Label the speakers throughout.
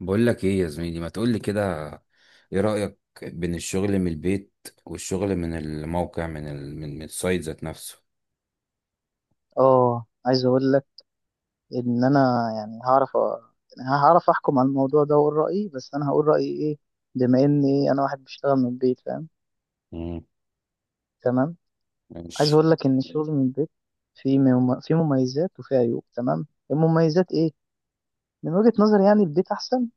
Speaker 1: بقول لك ايه يا زميلي، ما تقول لي كده. ايه رأيك بين الشغل من البيت والشغل من الموقع، من من السايت ذات نفسه؟
Speaker 2: اه، عايز اقول لك ان انا يعني هعرف هعرف احكم على الموضوع ده واقول رايي. بس انا هقول رايي ايه؟ بما اني انا واحد بشتغل من البيت، فاهم؟
Speaker 1: امم.
Speaker 2: تمام. عايز
Speaker 1: ماشي.
Speaker 2: اقول لك ان الشغل من البيت فيه مميزات وفيه عيوب، تمام. المميزات ايه؟ من وجهة نظري يعني البيت احسن،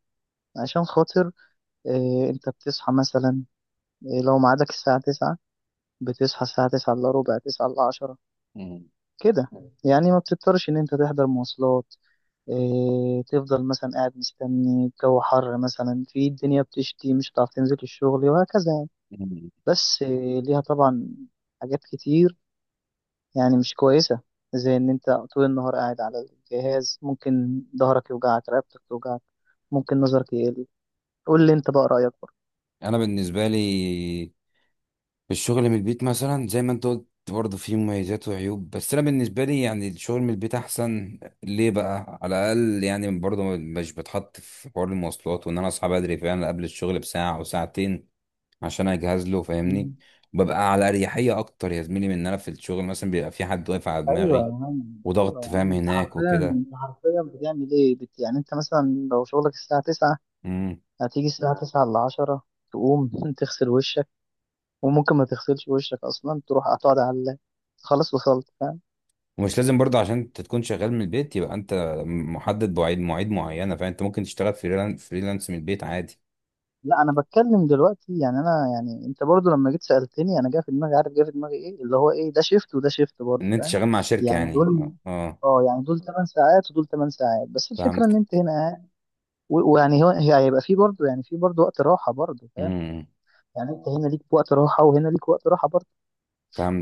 Speaker 2: عشان خاطر إيه انت بتصحى مثلا، إيه لو ميعادك الساعه 9 بتصحى الساعه 9 الا ربع، 9 الا 10،
Speaker 1: مم.
Speaker 2: كده. يعني ما بتضطرش ان انت تحضر مواصلات. إيه، تفضل مثلا قاعد مستني، الجو حر مثلا، في الدنيا بتشتي مش هتعرف تنزل الشغل، وهكذا يعني.
Speaker 1: مم.
Speaker 2: بس إيه، ليها طبعا حاجات كتير يعني مش كويسة، زي إن أنت طول النهار قاعد على الجهاز، ممكن ظهرك يوجعك، رقبتك توجعك، ممكن نظرك يقل. قول لي أنت بقى رأيك برضه.
Speaker 1: انا بالنسبة لي الشغل من البيت، مثلا زي ما انت قلت برضه فيه مميزات وعيوب، بس انا بالنسبة لي يعني الشغل من البيت احسن. ليه بقى؟ على الاقل يعني برضه مش بتحط في حوار المواصلات، وان انا اصحى بدري فعلا قبل الشغل بساعة او ساعتين عشان اجهز له، فاهمني؟
Speaker 2: مم.
Speaker 1: ببقى على اريحيه اكتر يا زميلي من ان انا في الشغل مثلا بيبقى في حد واقف على
Speaker 2: ايوه يا
Speaker 1: دماغي
Speaker 2: عم، أيوة
Speaker 1: وضغط
Speaker 2: يا عم،
Speaker 1: فاهم
Speaker 2: أنت
Speaker 1: هناك
Speaker 2: حرفيا
Speaker 1: وكده.
Speaker 2: أنت حرفيا بتعمل إيه؟ يعني أنت مثلا لو شغلك الساعة تسعة،
Speaker 1: امم.
Speaker 2: هتيجي الساعة تسعة لعشرة، تقوم تغسل وشك، وممكن ما تغسلش وشك اصلا، تروح هتقعد على اللاب، خلاص وصلت، فاهم؟
Speaker 1: ومش لازم برضه عشان انت تكون شغال من البيت يبقى انت محدد بمواعيد، مواعيد معينه. فانت ممكن تشتغل فريلانس من البيت عادي.
Speaker 2: لا، انا بتكلم دلوقتي يعني، انا يعني انت برضو لما جيت سألتني، انا جاي في دماغي، عارف جاي في دماغي ايه؟ اللي هو ايه، ده شيفت وده شيفت برضو،
Speaker 1: ان انت
Speaker 2: فاهم؟
Speaker 1: شغال مع شركه
Speaker 2: يعني
Speaker 1: يعني،
Speaker 2: دول،
Speaker 1: اه آه.
Speaker 2: اه يعني دول 8 ساعات ودول 8 ساعات، بس الفكره
Speaker 1: فهمت.
Speaker 2: ان انت هنا قاعد ويعني هو هيبقى في برضو، يعني في برضو وقت راحه برضو، فاهم؟
Speaker 1: امم.
Speaker 2: يعني انت هنا ليك وقت راحه وهنا ليك وقت راحه برضو.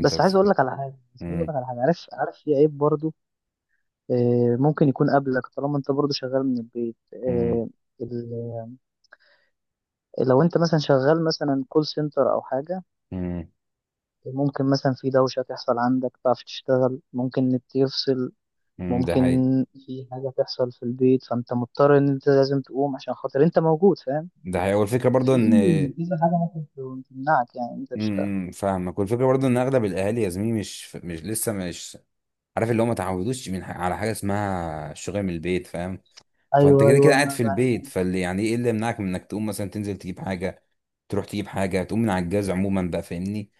Speaker 2: بس عايز اقول لك على حاجه،
Speaker 1: امم.
Speaker 2: عارف، في عيب برضو. آه، ممكن يكون قبلك طالما انت برضه شغال من البيت،
Speaker 1: امم.
Speaker 2: آه، ال- لو انت مثلا شغال مثلا كول سنتر او حاجة،
Speaker 1: امم.
Speaker 2: ممكن مثلا في دوشة تحصل عندك، تعرف تشتغل، ممكن النت يفصل،
Speaker 1: أمم، ده
Speaker 2: ممكن
Speaker 1: حقيقي.
Speaker 2: في حاجة تحصل في البيت، فانت مضطر ان انت لازم تقوم، عشان خاطر انت موجود، فاهم؟
Speaker 1: ده حقيقي. والفكره برضه
Speaker 2: في
Speaker 1: ان امم،
Speaker 2: كذا حاجة ممكن تمنعك يعني انت تشتغل.
Speaker 1: أمم، فاهمك. والفكره برضه ان اغلب الاهالي يا زميلي مش لسه مش عارف اللي هو ما تعودوش من على حاجه اسمها الشغل من البيت، فاهم؟ فانت
Speaker 2: ايوه،
Speaker 1: كده كده
Speaker 2: ايوه،
Speaker 1: قاعد
Speaker 2: انا
Speaker 1: في
Speaker 2: بعرف.
Speaker 1: البيت، فاللي يعني ايه اللي يمنعك من انك تقوم مثلا تنزل تجيب حاجه، تروح تجيب حاجه، تقوم من على الجهاز عموما بقى، فاهمني؟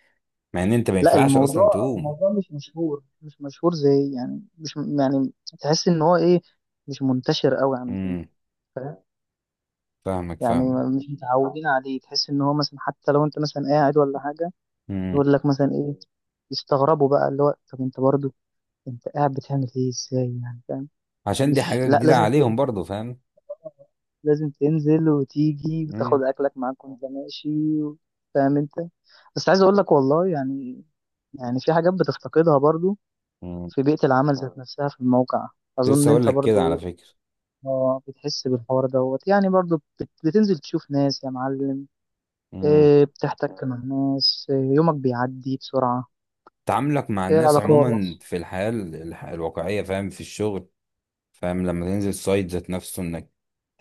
Speaker 1: مع ان انت ما
Speaker 2: لا،
Speaker 1: ينفعش
Speaker 2: الموضوع
Speaker 1: اصلا تقوم.
Speaker 2: الموضوع مش مشهور، مش مشهور زي يعني، مش م- يعني تحس ان هو ايه، مش منتشر قوي عندنا.
Speaker 1: امم. فاهمك
Speaker 2: يعني
Speaker 1: فاهمك
Speaker 2: مش متعودين عليه، تحس ان هو مثلا، حتى لو انت مثلا قاعد ولا حاجه،
Speaker 1: امم.
Speaker 2: يقول لك مثلا ايه، يستغربوا بقى اللي هو، طب انت برضو انت قاعد بتعمل ايه، ازاي يعني؟ فاهم؟
Speaker 1: عشان دي
Speaker 2: مش،
Speaker 1: حاجه
Speaker 2: لا
Speaker 1: جديده
Speaker 2: لازم
Speaker 1: عليهم
Speaker 2: تنزل-
Speaker 1: برضو، فاهم؟
Speaker 2: لازم تنزل وتيجي وتاخد
Speaker 1: امم.
Speaker 2: اكلك معاك وانت ماشي، و- فاهم انت؟ بس عايز اقول لك والله يعني، في حاجات بتفتقدها برضو،
Speaker 1: امم.
Speaker 2: في بيئه العمل ذات نفسها في الموقع.
Speaker 1: كنت
Speaker 2: اظن
Speaker 1: لسه اقول
Speaker 2: انت
Speaker 1: لك كده
Speaker 2: برضو
Speaker 1: على
Speaker 2: ايه،
Speaker 1: فكره.
Speaker 2: اه بتحس بالحوار دوت يعني، برضو بتنزل تشوف ناس يا معلم.
Speaker 1: امم.
Speaker 2: إيه، بتحتك مع ناس، إيه، يومك بيعدي بسرعة.
Speaker 1: تعاملك مع
Speaker 2: إيه،
Speaker 1: الناس
Speaker 2: علاقات.
Speaker 1: عموما في الحياه الواقعيه، فاهم؟ في الشغل، فاهم؟ لما تنزل سايت ذات نفسه انك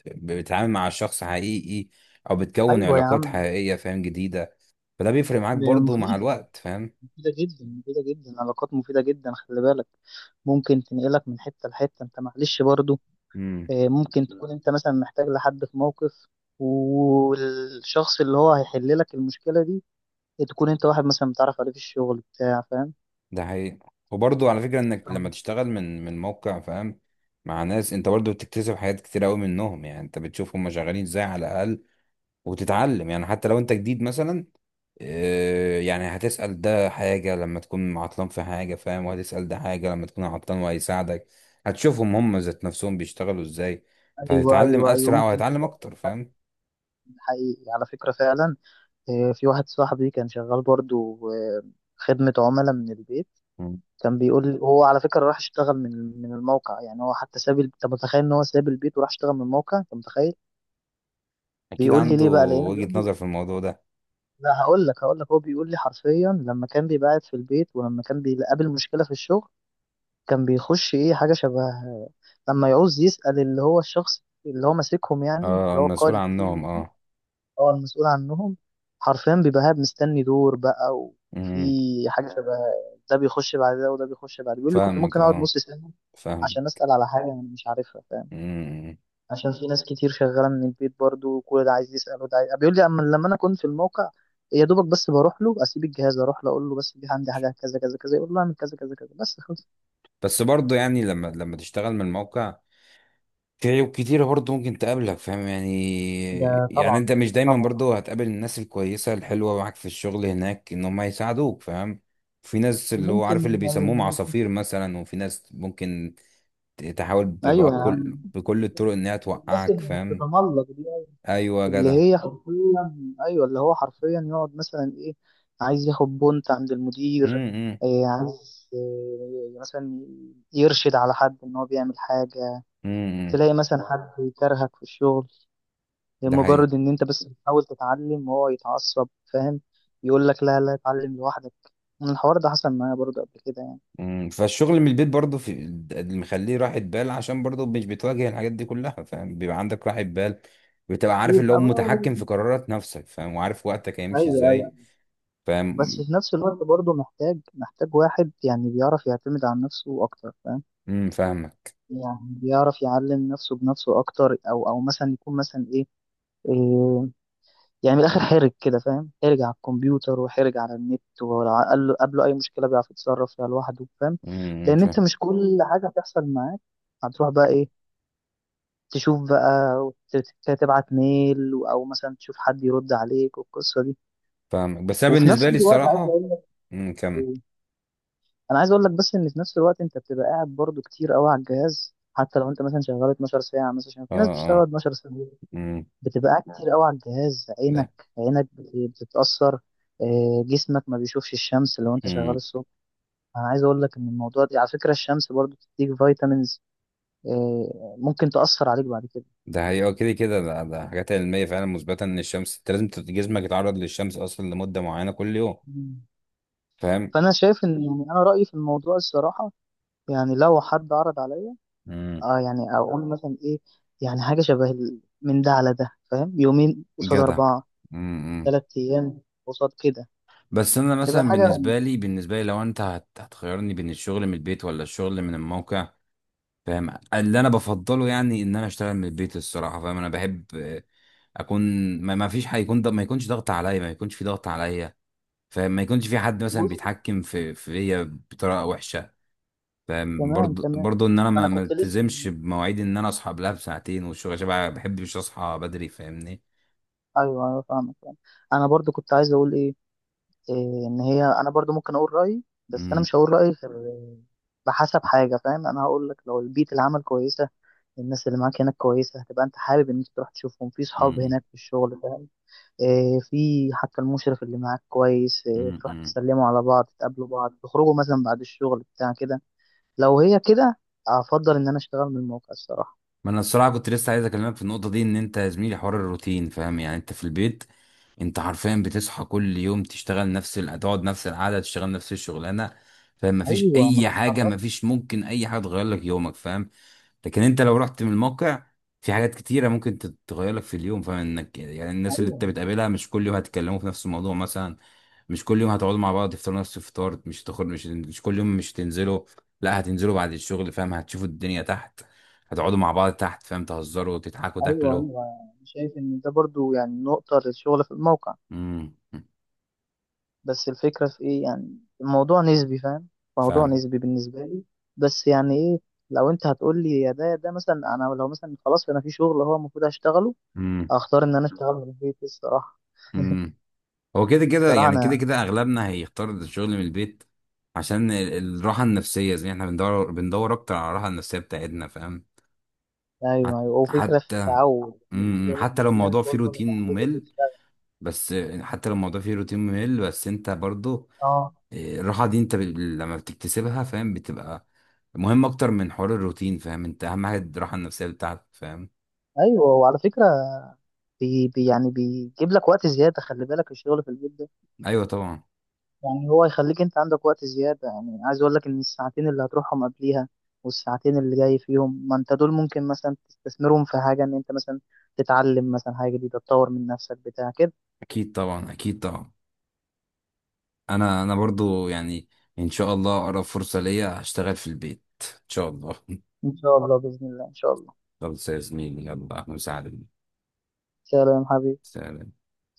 Speaker 1: بتتعامل مع شخص حقيقي، او بتكون
Speaker 2: أيوة يا
Speaker 1: علاقات
Speaker 2: عم.
Speaker 1: حقيقية فاهم، جديدة. فده بيفرق معاك
Speaker 2: ده
Speaker 1: برضو مع
Speaker 2: مفيدة،
Speaker 1: الوقت، فاهم؟
Speaker 2: مفيدة جدا، مفيدة جدا، علاقات مفيدة جدا، خلي بالك. ممكن تنقلك من حتة لحتة، أنت معلش برضو،
Speaker 1: امم.
Speaker 2: إيه، ممكن تكون أنت مثلا محتاج لحد في موقف، والشخص اللي هو هيحل لك المشكلة دي، تكون أنت واحد مثلا بتعرف عليه في الشغل بتاع، فاهم؟
Speaker 1: ده حقيقي. وبرضو على فكرة انك لما
Speaker 2: فاهم.
Speaker 1: تشتغل من موقع فاهم مع ناس، انت برضو بتكتسب حاجات كتير قوي منهم. يعني انت بتشوف هم شغالين ازاي على الاقل، وتتعلم يعني. حتى لو انت جديد مثلا آه، يعني هتسأل ده حاجة لما تكون عطلان في حاجة فاهم، وهتسأل ده حاجة لما تكون عطلان وهيساعدك. هتشوفهم هم ذات نفسهم بيشتغلوا ازاي،
Speaker 2: أيوة،
Speaker 1: فهتتعلم
Speaker 2: أيوة، أيوة،
Speaker 1: أسرع
Speaker 2: ممكن
Speaker 1: وهتتعلم
Speaker 2: تسأل،
Speaker 1: أكتر، فاهم؟
Speaker 2: حقيقي على فكرة فعلا. آه، في واحد صاحبي كان شغال برضو، آه، خدمة عملاء من البيت.
Speaker 1: مم.
Speaker 2: كان بيقول لي هو على فكرة راح اشتغل من الموقع، يعني هو حتى ساب انت متخيل؟ ان هو ساب البيت وراح اشتغل من الموقع، انت متخيل؟
Speaker 1: أكيد
Speaker 2: بيقول لي
Speaker 1: عنده
Speaker 2: ليه بقى؟ لان
Speaker 1: وجهة
Speaker 2: بيقول لي،
Speaker 1: نظر في الموضوع ده.
Speaker 2: لا هقول لك، هو بيقول لي حرفيا، لما كان بيبقى قاعد في البيت ولما كان بيقابل مشكلة في الشغل، كان بيخش ايه حاجة شبه، لما يعوز يسأل اللي هو الشخص اللي هو ماسكهم، يعني
Speaker 1: اه،
Speaker 2: اللي هو
Speaker 1: المسؤول
Speaker 2: قائد
Speaker 1: عنهم،
Speaker 2: التيم،
Speaker 1: اه.
Speaker 2: اه المسؤول عنهم. حرفيا بيبقى قاعد مستني دور بقى، وفي
Speaker 1: امم.
Speaker 2: حاجة شبه، ده بيخش بعد ده وده بيخش بعد. بيقول لي كنت
Speaker 1: فاهمك،
Speaker 2: ممكن أقعد
Speaker 1: اه.
Speaker 2: نص سنة
Speaker 1: فاهم.
Speaker 2: عشان أسأل على حاجة أنا مش عارفها، فاهم؟
Speaker 1: امم.
Speaker 2: عشان في ناس كتير شغالة من البيت برضو، وكل ده عايز يسأل وده عايز. بيقول لي أما لما أنا كنت في الموقع، يا دوبك بس بروح له، أسيب الجهاز أروح له أقول له بس، دي عندي حاجة كذا كذا كذا، يقول له أعمل كذا كذا كذا، بس خلص.
Speaker 1: بس برضه يعني لما تشتغل من الموقع كتير وكتير برضه ممكن تقابلك، فاهم يعني؟
Speaker 2: ده
Speaker 1: يعني انت
Speaker 2: طبعا،
Speaker 1: مش دايما
Speaker 2: طبعا.
Speaker 1: برضه هتقابل الناس الكويسة الحلوة معاك في الشغل هناك ان هم يساعدوك، فاهم؟ في ناس اللي هو عارف اللي
Speaker 2: وممكن يعني
Speaker 1: بيسموهم عصافير مثلا، وفي ناس ممكن تحاول
Speaker 2: أيوه يا عم،
Speaker 1: بكل الطرق انها
Speaker 2: الناس
Speaker 1: توقعك،
Speaker 2: اللي
Speaker 1: فاهم؟
Speaker 2: بتتملق دي،
Speaker 1: ايوه يا
Speaker 2: اللي
Speaker 1: جدع.
Speaker 2: هي طب حرفيا، ايوه اللي هو حرفيا يقعد مثلا ايه، عايز ياخد بونت عند المدير،
Speaker 1: امم. امم.
Speaker 2: إيه عايز إيه مثلا، يرشد على حد ان هو بيعمل حاجه.
Speaker 1: إمم، إمم.
Speaker 2: تلاقي مثلا حد يكرهك في الشغل
Speaker 1: ده
Speaker 2: لمجرد
Speaker 1: حقيقي.
Speaker 2: ان انت بس بتحاول تتعلم، وهو يتعصب، فاهم؟ يقول لك لا، لا اتعلم لوحدك. من الحوار ده حصل معايا برضه قبل كده يعني،
Speaker 1: مم، فالشغل من البيت برضه في اللي مخليه راحة بال، عشان برضه مش بتواجه الحاجات دي كلها، فاهم؟ بيبقى عندك راحة بال، بتبقى عارف اللي هو
Speaker 2: يبقى بقى هو-
Speaker 1: متحكم في قرارات نفسك، فاهم؟ وعارف وقتك هيمشي
Speaker 2: ايوه، ايوه.
Speaker 1: ازاي،
Speaker 2: بس
Speaker 1: فاهم؟
Speaker 2: في نفس الوقت برضه، محتاج واحد يعني بيعرف يعتمد على نفسه اكتر، فاهم؟
Speaker 1: امم. فاهمك.
Speaker 2: يعني بيعرف يعلم نفسه بنفسه اكتر، او مثلا يكون مثلا ايه، إيه، يعني من الاخر حرج كده، فاهم؟ حرج على الكمبيوتر وحرج على النت، ولو قابله اي مشكله بيعرف يتصرف فيها لوحده، فاهم؟
Speaker 1: امم.
Speaker 2: لان انت
Speaker 1: فاهم.
Speaker 2: مش كل حاجه بتحصل معاك هتروح بقى ايه، تشوف بقى، وتبعت ميل، او مثلا تشوف حد يرد عليك والقصه دي.
Speaker 1: فاهمك. بس انا
Speaker 2: وفي نفس
Speaker 1: بالنسبة لي
Speaker 2: الوقت عايز
Speaker 1: الصراحة،
Speaker 2: اقول لك
Speaker 1: امم، كمل.
Speaker 2: إيه، انا عايز اقول لك بس ان في نفس الوقت انت بتبقى قاعد برضو كتير قوي على الجهاز، حتى لو انت مثلا شغال 12 ساعه مثلا، عشان
Speaker 1: اه،
Speaker 2: في ناس بتشتغل
Speaker 1: اه.
Speaker 2: 12 ساعه.
Speaker 1: امم.
Speaker 2: بتبقى قاعد كتير قوي على الجهاز، عينك
Speaker 1: ده،
Speaker 2: عينك بتتأثر. آه، جسمك ما بيشوفش الشمس لو انت شغال
Speaker 1: امم.
Speaker 2: الصبح. انا عايز اقول لك ان الموضوع ده على فكرة، الشمس برضو بتديك فيتامينز، آه، ممكن تأثر عليك بعد كده.
Speaker 1: ده هي كده كده، ده حاجات علمية فعلا مثبتة، ان الشمس انت لازم جسمك يتعرض للشمس اصلا لمدة معينة كل يوم،
Speaker 2: مم.
Speaker 1: فاهم؟
Speaker 2: فانا شايف ان يعني، انا رايي في الموضوع الصراحه، يعني لو حد عرض عليا،
Speaker 1: امم.
Speaker 2: اه يعني اقول مثلا ايه، يعني حاجه شبه من ده على ده، فاهم؟ يومين قصاد
Speaker 1: جدع.
Speaker 2: اربعه،
Speaker 1: امم.
Speaker 2: 3 ايام قصاد كده،
Speaker 1: بس انا
Speaker 2: تبقى
Speaker 1: مثلا
Speaker 2: حاجه.
Speaker 1: بالنسبه لي، لو انت هتخيرني بين الشغل من البيت ولا الشغل من الموقع، فاهم اللي انا بفضله؟ يعني ان انا اشتغل من البيت الصراحه، فاهم. انا بحب آه، اكون ما فيش حد يكون ما يكونش ضغط عليا، ما يكونش في ضغط عليا، فاهم؟ ما يكونش في حد مثلا
Speaker 2: بص.
Speaker 1: بيتحكم في فيا بطريقه وحشه، فاهم؟
Speaker 2: تمام،
Speaker 1: برضو
Speaker 2: تمام.
Speaker 1: برضو ان انا
Speaker 2: ما
Speaker 1: ما
Speaker 2: انا
Speaker 1: ما
Speaker 2: كنت لسه،
Speaker 1: التزمش بمواعيد، ان انا اصحى قبلها بساعتين والشغل، عشان ما بحبش اصحى بدري، فاهمني؟
Speaker 2: ايوه، ايوه، فاهمك يعني. انا برضو كنت عايز اقول ايه، إيه، ان هي انا برضو ممكن اقول رايي، بس انا مش هقول رايي غير بحسب حاجه، فاهم؟ انا هقول لك، لو البيئه العمل كويسه، الناس اللي معاك هناك كويسه، هتبقى انت حابب ان انت تروح تشوفهم، في صحاب هناك في الشغل، فاهم؟ إيه، في حتى المشرف اللي معاك كويس، إيه، تروح
Speaker 1: امم.
Speaker 2: تسلموا على بعض، تقابلوا بعض، تخرجوا مثلا بعد الشغل بتاع كده. لو هي كده، افضل ان انا اشتغل من الموقع الصراحه.
Speaker 1: ما انا الصراحه كنت لسه عايز اكلمك في النقطه دي، ان انت يا زميلي حوار الروتين، فاهم؟ يعني انت في البيت انت حرفيا بتصحى كل يوم تشتغل نفس تقعد نفس القعده، تشتغل نفس الشغلانه، فاهم؟ مفيش
Speaker 2: ايوه ما
Speaker 1: اي حاجه،
Speaker 2: تتحركش.
Speaker 1: مفيش ممكن اي حاجه تغير لك يومك، فاهم؟ لكن انت لو رحت من الموقع في حاجات كتيره ممكن تتغير لك في اليوم، فاهم؟ انك يعني الناس اللي انت
Speaker 2: ايوه،
Speaker 1: بتقابلها مش كل يوم هتتكلموا في نفس الموضوع مثلا، مش كل يوم هتقعدوا مع بعض تفطروا نفس الفطار، مش تخرج، مش كل يوم مش تنزلوا، لا هتنزلوا بعد الشغل، فاهم؟ هتشوفوا الدنيا تحت، هتقعدوا مع بعض تحت، فاهم؟ تهزروا، تضحكوا،
Speaker 2: ايوه،
Speaker 1: تاكلوا.
Speaker 2: ايوه، يعني شايف ان ده برضو يعني نقطة للشغل في الموقع.
Speaker 1: امم.
Speaker 2: بس الفكرة في ايه، يعني الموضوع نسبي، فاهم؟ موضوع
Speaker 1: فاهم.
Speaker 2: نسبي بالنسبة لي. بس يعني ايه، لو انت هتقول لي يا ده يا ده، مثلا انا لو مثلا خلاص انا في شغل هو المفروض هشتغله،
Speaker 1: امم.
Speaker 2: اختار ان انا اشتغل من البيت الصراحة.
Speaker 1: امم. هو كده كده
Speaker 2: الصراحة
Speaker 1: يعني، كده
Speaker 2: انا،
Speaker 1: كده اغلبنا هيختار الشغل من البيت عشان الراحه النفسيه، زي ما احنا بندور اكتر على الراحه النفسيه بتاعتنا، فاهم؟ حت-
Speaker 2: ايوه، ايوه، وفكرة في
Speaker 1: حتى
Speaker 2: التعود يعني،
Speaker 1: امم.
Speaker 2: عايز
Speaker 1: امم.
Speaker 2: اقول لك
Speaker 1: حتى
Speaker 2: ان
Speaker 1: لو
Speaker 2: في ناس
Speaker 1: الموضوع فيه
Speaker 2: برضه
Speaker 1: روتين
Speaker 2: متعودة
Speaker 1: ممل،
Speaker 2: تشتغل،
Speaker 1: بس حتى لو الموضوع فيه روتين ممل، بس انت برضو
Speaker 2: اه.
Speaker 1: إيه، الراحه دي انت لما بتكتسبها فاهم بتبقى مهم اكتر من حوار الروتين، فاهم؟ انت اهم حاجه الراحه النفسيه بتاعتك، فاهم؟
Speaker 2: ايوه وعلى فكرة بي بي يعني بيجيب لك وقت زيادة، خلي بالك الشغل في البيت ده،
Speaker 1: ايوه طبعا.
Speaker 2: يعني هو يخليك انت عندك وقت زيادة، يعني عايز اقول لك ان الساعتين اللي هتروحهم قبليها والساعتين اللي جاي فيهم، ما انت دول ممكن مثلا تستثمرهم في حاجة، ان انت مثلا تتعلم مثلا حاجة جديدة، تطور من نفسك بتاع كده.
Speaker 1: اكيد طبعا، اكيد طبعا. انا برضو يعني ان شاء الله اقرب فرصة ليا هشتغل في البيت ان شاء الله.
Speaker 2: ان شاء الله، بإذن الله، ان شاء الله.
Speaker 1: خلاص يا زميلي، يلا مساعدة.
Speaker 2: سلام حبيبي.
Speaker 1: سلام.